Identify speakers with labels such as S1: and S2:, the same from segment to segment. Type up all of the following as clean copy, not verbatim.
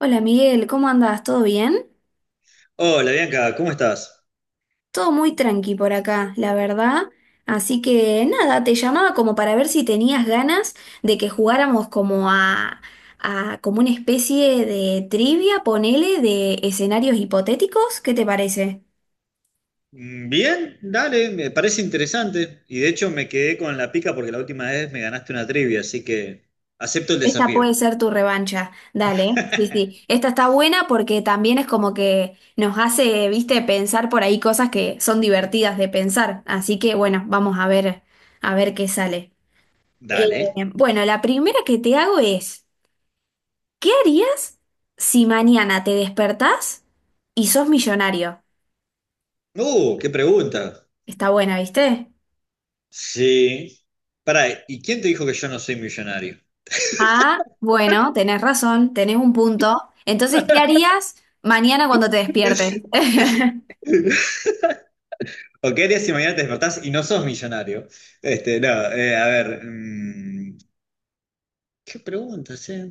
S1: Hola Miguel, ¿cómo andas? ¿Todo bien?
S2: Hola Bianca, ¿cómo estás?
S1: Todo muy tranqui por acá, la verdad. Así que nada, te llamaba como para ver si tenías ganas de que jugáramos como a como una especie de trivia, ponele, de escenarios hipotéticos. ¿Qué te parece?
S2: Bien, dale, me parece interesante. Y de hecho me quedé con la pica porque la última vez me ganaste una trivia, así que acepto el
S1: Esta
S2: desafío.
S1: puede ser tu revancha. Dale, sí, sí. Esta está buena porque también es como que nos hace, viste, pensar por ahí cosas que son divertidas de pensar. Así que bueno, vamos a ver qué sale. Eh,
S2: Dale.
S1: bueno, la primera que te hago es, ¿qué harías si mañana te despertás y sos millonario?
S2: Qué pregunta.
S1: Está buena, ¿viste?
S2: Sí. Pará, ¿y quién te dijo que yo no soy millonario?
S1: Ah, bueno, tenés razón, tenés un punto. Entonces, ¿qué harías mañana cuando te despiertes?
S2: ¿O qué harías si mañana te despertás y no sos millonario? Este, no, a ver, ¿qué preguntas, eh?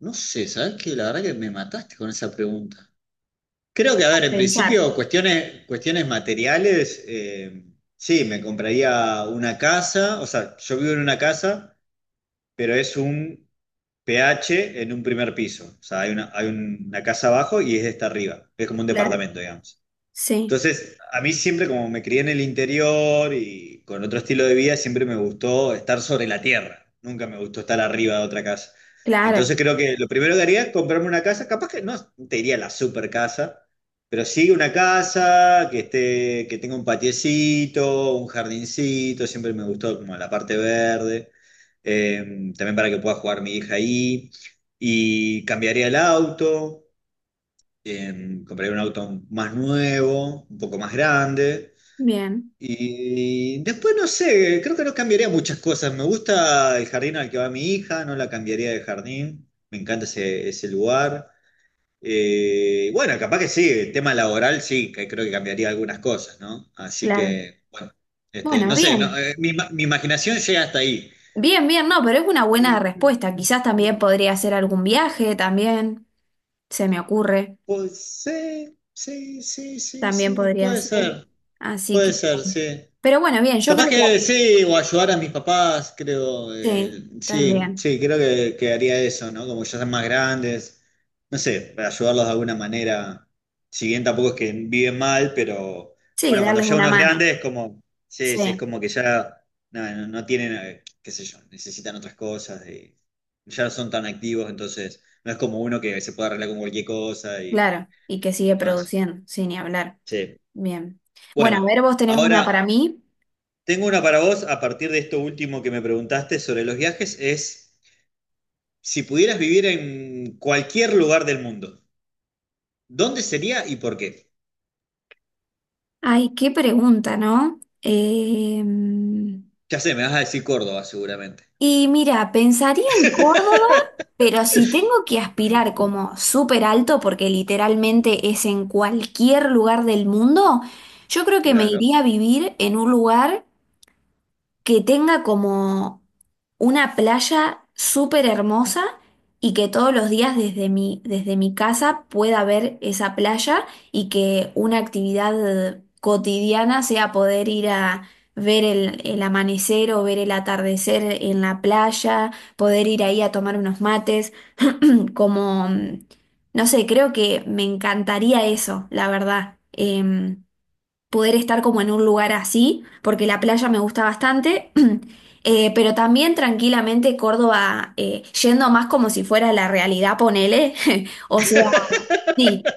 S2: No sé, ¿sabes qué? La verdad que me mataste con esa pregunta. Creo que, a ver, en
S1: Pensar,
S2: principio, cuestiones, cuestiones materiales, sí, me compraría una casa, o sea, yo vivo en una casa, pero es un PH en un primer piso, o sea, hay una casa abajo y es esta arriba, es como un
S1: claro.
S2: departamento, digamos.
S1: Sí,
S2: Entonces, a mí siempre, como me crié en el interior y con otro estilo de vida, siempre me gustó estar sobre la tierra. Nunca me gustó estar arriba de otra casa.
S1: claro.
S2: Entonces, creo que lo primero que haría es comprarme una casa. Capaz que no te diría la super casa, pero sí una casa que esté, que tenga un patiecito, un jardincito. Siempre me gustó como la parte verde. Eh, También para que pueda jugar mi hija ahí. Y cambiaría el auto, compraría un auto más nuevo, un poco más grande.
S1: Bien,
S2: Y después no sé, creo que no cambiaría muchas cosas. Me gusta el jardín al que va mi hija, no la cambiaría de jardín. Me encanta ese lugar. Bueno, capaz que sí, el tema laboral sí, que creo que cambiaría algunas cosas, ¿no? Así
S1: claro.
S2: que, bueno, este,
S1: Bueno,
S2: no sé, no,
S1: bien.
S2: mi imaginación llega hasta ahí.
S1: Bien, bien, no, pero es una buena respuesta. Quizás
S2: Eh,
S1: también podría hacer algún viaje, también se me ocurre.
S2: Pues sí, sí, sí, sí,
S1: También
S2: sí,
S1: podría ser. Así
S2: puede
S1: que,
S2: ser, sí.
S1: pero bueno, bien, yo
S2: Capaz
S1: creo que
S2: que sí, o ayudar a mis papás, creo.
S1: sí,
S2: Sí,
S1: también.
S2: sí, creo que haría eso, ¿no? Como ya son más grandes, no sé, para ayudarlos de alguna manera. Si bien tampoco es que viven mal, pero
S1: Sí,
S2: bueno, cuando
S1: darles
S2: ya
S1: una
S2: uno es
S1: mano.
S2: grande es como, sí, sí, es
S1: Sí,
S2: como que ya nada, no, no tienen, qué sé yo, necesitan otras cosas, y ya no son tan activos, entonces no es como uno que se puede arreglar con cualquier cosa y
S1: claro. Y que sigue
S2: demás.
S1: produciendo, sin ni hablar.
S2: Sí.
S1: Bien. Bueno, a
S2: Bueno,
S1: ver, vos tenés una para
S2: ahora.
S1: mí.
S2: Tengo una para vos a partir de esto último que me preguntaste sobre los viajes, es si pudieras vivir en cualquier lugar del mundo, ¿dónde sería y por qué?
S1: Ay, qué pregunta, ¿no?
S2: Ya sé, me vas a decir Córdoba seguramente.
S1: Y mira, pensaría en Córdoba, pero si tengo que aspirar como súper alto, porque literalmente es en cualquier lugar del mundo, yo creo que me
S2: Claro.
S1: iría a vivir en un lugar que tenga como una playa súper hermosa y que todos los días desde mi casa pueda ver esa playa y que una actividad cotidiana sea poder ir a ver el amanecer o ver el atardecer en la playa, poder ir ahí a tomar unos mates, como, no sé, creo que me encantaría eso, la verdad. Poder estar como en un lugar así, porque la playa me gusta bastante, pero también tranquilamente Córdoba, yendo más como si fuera la realidad, ponele, o sea, sí,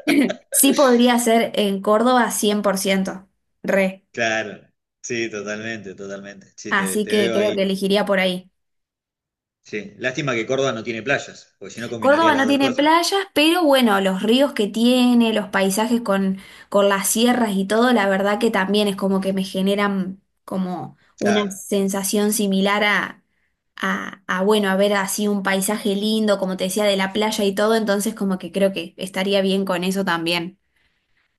S1: sí podría ser en Córdoba 100% re,
S2: Claro. Sí, totalmente, totalmente. Sí, te,
S1: así
S2: te
S1: que
S2: veo
S1: creo que
S2: ahí.
S1: elegiría por ahí.
S2: Sí. Lástima que Córdoba no tiene playas, porque si no combinaría
S1: Córdoba no
S2: las dos
S1: tiene
S2: cosas.
S1: playas, pero bueno, los ríos que tiene, los paisajes con las sierras y todo, la verdad que también es como que me generan como una
S2: Claro.
S1: sensación similar a bueno, a ver así un paisaje lindo, como te decía, de la playa y todo, entonces como que creo que estaría bien con eso también.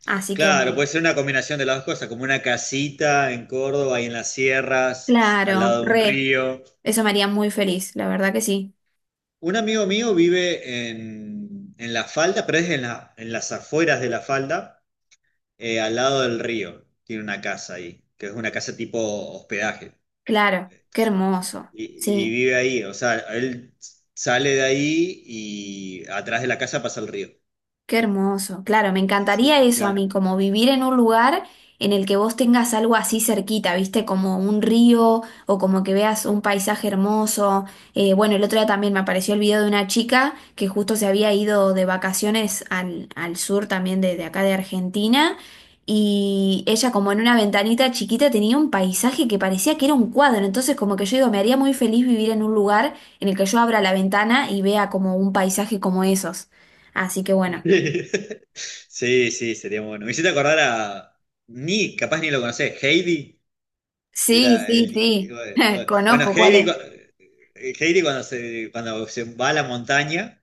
S1: Así que bueno,
S2: Claro, puede ser una combinación de las dos cosas, como una casita en Córdoba y en las sierras, al
S1: claro,
S2: lado de un
S1: re,
S2: río.
S1: eso me haría muy feliz, la verdad que sí,
S2: Un amigo mío vive en La Falda, pero es en las afueras de La Falda, al lado del río. Tiene una casa ahí, que es una casa tipo hospedaje.
S1: claro, qué
S2: Entonces,
S1: hermoso,
S2: y
S1: sí.
S2: vive ahí, o sea, él sale de ahí y atrás de la casa pasa el río.
S1: Qué hermoso. Claro, me encantaría
S2: Sí,
S1: eso a
S2: claro.
S1: mí, como vivir en un lugar en el que vos tengas algo así cerquita, ¿viste? Como un río o como que veas un paisaje hermoso. Bueno, el otro día también me apareció el video de una chica que justo se había ido de vacaciones al, al sur también de acá de Argentina y ella como en una ventanita chiquita tenía un paisaje que parecía que era un cuadro. Entonces como que yo digo, me haría muy feliz vivir en un lugar en el que yo abra la ventana y vea como un paisaje como esos. Así que bueno.
S2: Sí, sí, sería bueno. Me hiciste acordar ni, capaz ni lo conocés, Heidi.
S1: Sí,
S2: Era
S1: sí, sí.
S2: bueno,
S1: Conozco
S2: Heidi,
S1: cuál
S2: Heidi cuando se va a la montaña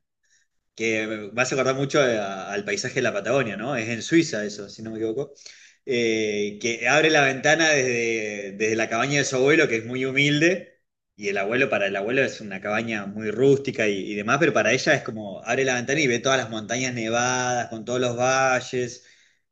S2: que me hace acordar mucho al paisaje de la Patagonia, ¿no? Es en Suiza eso, si no me equivoco. Que abre la ventana desde la cabaña de su abuelo, que es muy humilde, y el abuelo, para el abuelo es una cabaña muy rústica y demás, pero para ella es como abre la ventana y ve todas las montañas nevadas, con todos los valles,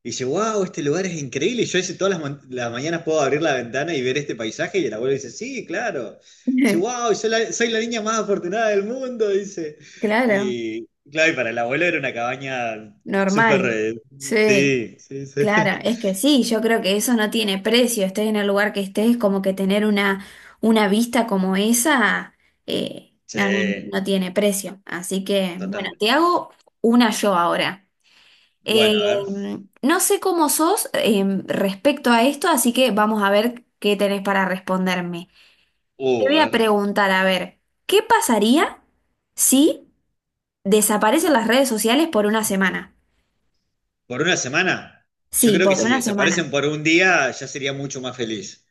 S2: y dice, wow, este lugar es increíble, y yo dice, todas las mañanas puedo abrir la ventana y ver este paisaje, y el abuelo dice, sí, claro. Dice,
S1: es.
S2: wow, soy la niña más afortunada del mundo, dice.
S1: Claro,
S2: Y, Claro, y para el abuelo era una cabaña súper.
S1: normal. Sí,
S2: Sí, sí, sí.
S1: claro. Es que sí, yo creo que eso no tiene precio. Estés en el lugar que estés, como que tener una vista como esa,
S2: Sí,
S1: no, no, no tiene precio. Así que, bueno,
S2: totalmente.
S1: te hago una yo ahora. Eh,
S2: Bueno, a ver.
S1: no sé cómo sos, respecto a esto, así que vamos a ver qué tenés para responderme. Te voy a
S2: A ver.
S1: preguntar, a ver, ¿qué pasaría? Sí. Desaparecen las redes sociales por una semana.
S2: ¿Por una semana? Yo
S1: Sí,
S2: creo que
S1: por
S2: si
S1: una semana.
S2: desaparecen por un día, ya sería mucho más feliz.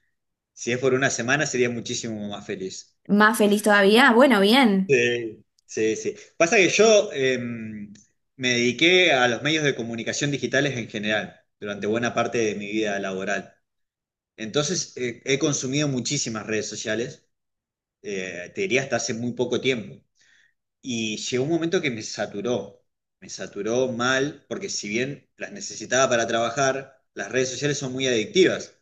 S2: Si es por una semana, sería muchísimo más feliz.
S1: Más feliz todavía. Bueno, bien.
S2: Sí, sí, sí. Pasa que yo me dediqué a los medios de comunicación digitales en general durante buena parte de mi vida laboral. Entonces, he consumido muchísimas redes sociales. Te diría hasta hace muy poco tiempo. Y llegó un momento que me saturó mal, porque si bien las necesitaba para trabajar, las redes sociales son muy adictivas.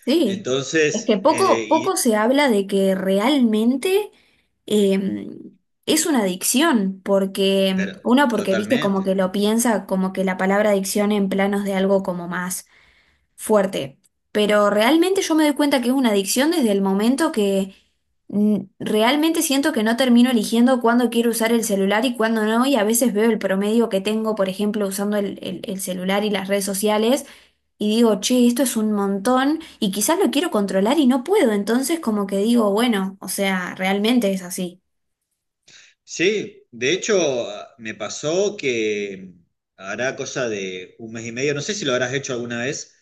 S1: Sí. Es
S2: Entonces,
S1: que poco, poco se habla de que realmente eh, es una adicción, porque
S2: pero,
S1: uno porque viste como que
S2: totalmente.
S1: lo piensa como que la palabra adicción en planos de algo como más fuerte. Pero realmente yo me doy cuenta que es una adicción desde el momento que realmente siento que no termino eligiendo cuándo quiero usar el celular y cuándo no, y a veces veo el promedio que tengo, por ejemplo, usando el celular y las redes sociales, y digo, che, esto es un montón, y quizás lo quiero controlar y no puedo, entonces como que digo, bueno, o sea, realmente es así.
S2: Sí, de hecho, me pasó que hará cosa de un mes y medio, no sé si lo habrás hecho alguna vez,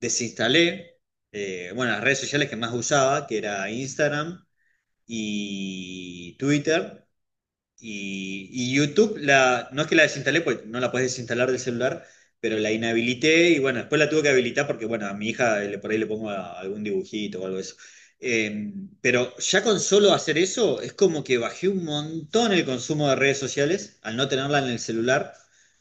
S2: desinstalé, bueno, las redes sociales que más usaba, que era Instagram y Twitter. Y YouTube, no es que la desinstalé, pues no la puedes desinstalar del celular, pero la inhabilité y bueno, después la tuve que habilitar porque bueno, a mi hija por ahí le pongo algún dibujito o algo de eso. Eh, pero ya con solo hacer eso, es como que bajé un montón el consumo de redes sociales al no tenerla en el celular.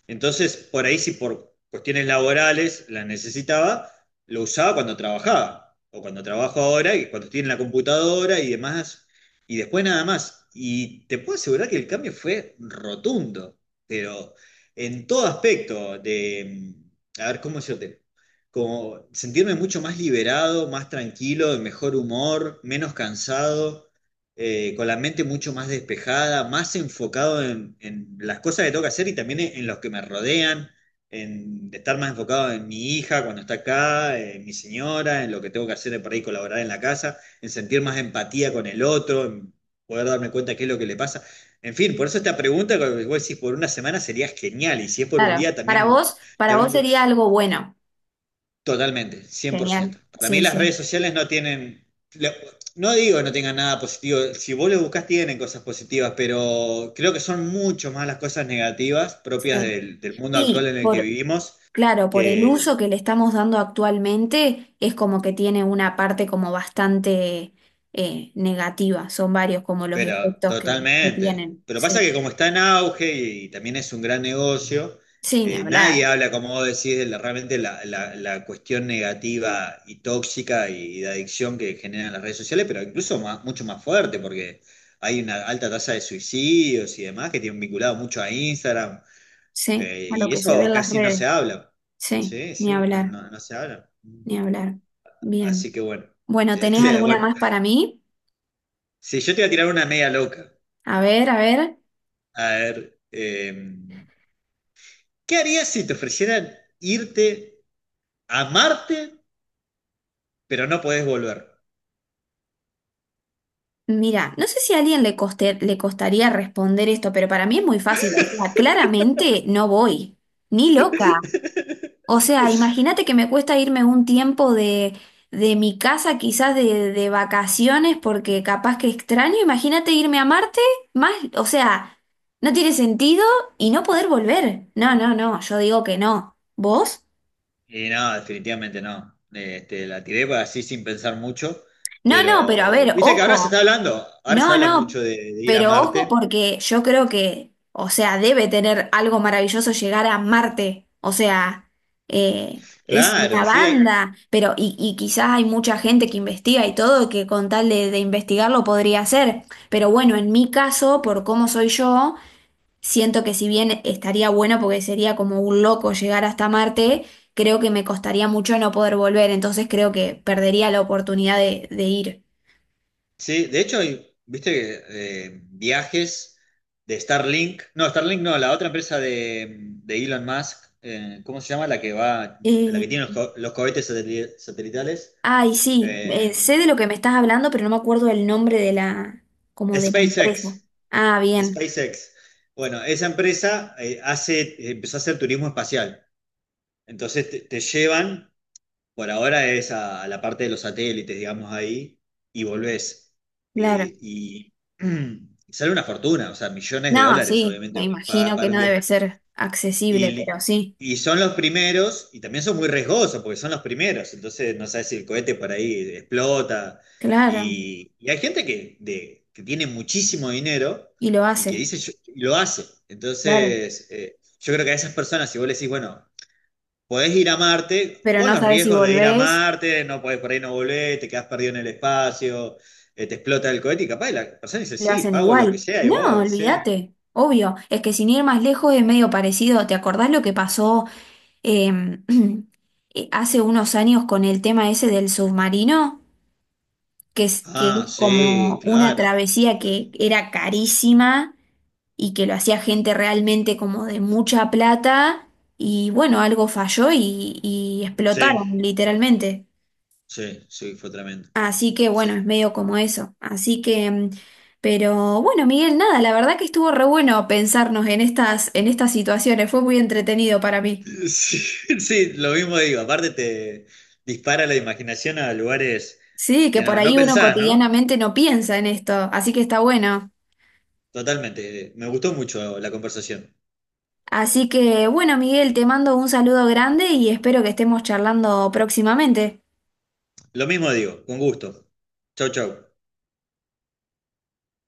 S2: Entonces, por ahí si por cuestiones laborales la necesitaba, lo usaba cuando trabajaba o cuando trabajo ahora y cuando estoy en la computadora y demás y después nada más. Y te puedo asegurar que el cambio fue rotundo, pero en todo aspecto de, a ver, ¿cómo yo te? Como sentirme mucho más liberado, más tranquilo, de mejor humor, menos cansado, con la mente mucho más despejada, más enfocado en las cosas que tengo que hacer y también en los que me rodean, en estar más enfocado en mi hija cuando está acá, en mi señora, en lo que tengo que hacer para ir colaborar en la casa en sentir más empatía con el otro, en poder darme cuenta qué es lo que le pasa. En fin, por eso esta pregunta, cuando vos decís, por una semana sería genial, y si es por un
S1: Claro,
S2: día
S1: para
S2: también,
S1: vos, para vos
S2: también
S1: sería algo bueno.
S2: totalmente, 100%.
S1: Genial.
S2: Para mí
S1: Sí,
S2: las redes
S1: sí,
S2: sociales no tienen, lo- no digo que no tengan nada positivo, si vos lo buscás tienen cosas positivas, pero creo que son mucho más las cosas negativas propias
S1: sí.
S2: del mundo actual
S1: Y
S2: en el que
S1: por,
S2: vivimos,
S1: claro, por el
S2: que
S1: uso que le estamos dando actualmente, es como que tiene una parte como bastante negativa. Son varios como los
S2: Pero
S1: efectos que
S2: totalmente.
S1: tienen.
S2: Pero pasa
S1: Sí.
S2: que como está en auge también es un gran negocio,
S1: Sí, ni
S2: nadie
S1: hablar.
S2: habla, como vos decís, realmente la cuestión negativa y tóxica de adicción que generan las redes sociales, pero mucho más fuerte, porque hay una alta tasa de suicidios y demás que tienen vinculado mucho a Instagram,
S1: Sí, a lo
S2: y
S1: que se ve
S2: eso
S1: en las
S2: casi no
S1: redes.
S2: se habla.
S1: Sí,
S2: Sí,
S1: ni
S2: sí, no,
S1: hablar,
S2: no, no se habla.
S1: ni hablar.
S2: Así
S1: Bien.
S2: que bueno,
S1: Bueno, ¿tenés
S2: este,
S1: alguna
S2: bueno,
S1: más para mí?
S2: si yo te voy a tirar una media loca,
S1: A ver, a ver.
S2: a ver. ¿Qué harías si te ofrecieran irte a Marte, pero no podés volver?
S1: Mira, no sé si a alguien le le costaría responder esto, pero para mí es muy fácil. O sea, claramente no voy. Ni loca. O sea, imagínate que me cuesta irme un tiempo de mi casa, quizás de vacaciones, porque capaz que extraño. Imagínate irme a Marte, más, o sea, no tiene sentido y no poder volver. No, no, no, yo digo que no. ¿Vos?
S2: Y no, definitivamente no. Este, la tiré para así sin pensar mucho,
S1: No, no, pero a
S2: pero
S1: ver,
S2: viste que ahora se
S1: ojo.
S2: está hablando, ahora se
S1: No,
S2: habla mucho
S1: no,
S2: de ir a
S1: pero ojo
S2: Marte.
S1: porque yo creo que, o sea, debe tener algo maravilloso llegar a Marte. O sea, es una
S2: Claro, sí,
S1: banda, pero y quizás hay mucha gente que investiga y todo, que con tal de investigarlo podría hacer. Pero bueno, en mi caso, por cómo soy yo, siento que si bien estaría bueno porque sería como un loco llegar hasta Marte, creo que me costaría mucho no poder volver, entonces creo que perdería la oportunidad de ir.
S2: sí. De hecho, viste que viajes de Starlink no, la otra empresa de Elon Musk, ¿cómo se llama? La
S1: Eh,
S2: que tiene los cohetes satelitales,
S1: Ay, sí,
S2: eh,
S1: sé de lo que me estás hablando, pero no me acuerdo el nombre de la, como de la empresa.
S2: SpaceX.
S1: Ah, bien,
S2: SpaceX. Bueno, esa empresa empezó a hacer turismo espacial. Entonces te llevan, por ahora es a la parte de los satélites, digamos ahí, y volvés.
S1: claro.
S2: Y sale una fortuna, o sea, millones de
S1: No,
S2: dólares,
S1: sí,
S2: obviamente,
S1: me imagino que
S2: un
S1: no debe
S2: viaje
S1: ser accesible, pero
S2: y,
S1: sí,
S2: y son los primeros, y también son muy riesgosos porque son los primeros, entonces no sabes si el cohete por ahí explota.
S1: claro,
S2: Y hay gente que tiene muchísimo dinero
S1: y lo
S2: y que
S1: hace,
S2: dice, y lo hace.
S1: claro.
S2: Entonces, yo creo que a esas personas, si vos le decís, bueno, podés ir a Marte,
S1: Pero
S2: con
S1: no
S2: los
S1: sabes si
S2: riesgos de ir a
S1: volvés,
S2: Marte, no podés por ahí no volver, te quedás perdido en el espacio, te explota el cohete, y capaz la persona dice,
S1: lo
S2: sí,
S1: hacen
S2: pago lo que
S1: igual.
S2: sea, y
S1: No,
S2: vos decís,
S1: olvídate, obvio. Es que sin ir más lejos es medio parecido. ¿Te acordás lo que pasó em, hace unos años con el tema ese del submarino? Que es
S2: ah, sí,
S1: como una
S2: claro.
S1: travesía
S2: Sí.
S1: que era carísima y que lo hacía gente realmente como de mucha plata y bueno, algo falló y
S2: Sí.
S1: explotaron literalmente.
S2: Sí, sí, fue tremendo.
S1: Así que
S2: Sí.
S1: bueno, es medio como eso. Así que, mm, pero bueno, Miguel, nada, la verdad que estuvo re bueno pensarnos en estas situaciones, fue muy entretenido para mí.
S2: Sí, sí, lo mismo digo. Aparte te dispara la imaginación a lugares
S1: Sí, que
S2: que
S1: por
S2: no, no
S1: ahí uno
S2: pensás, ¿no?
S1: cotidianamente no piensa en esto, así que está bueno.
S2: Totalmente. Me gustó mucho la conversación.
S1: Así que bueno, Miguel, te mando un saludo grande y espero que estemos charlando próximamente.
S2: Lo mismo digo, con gusto. Chau, chau.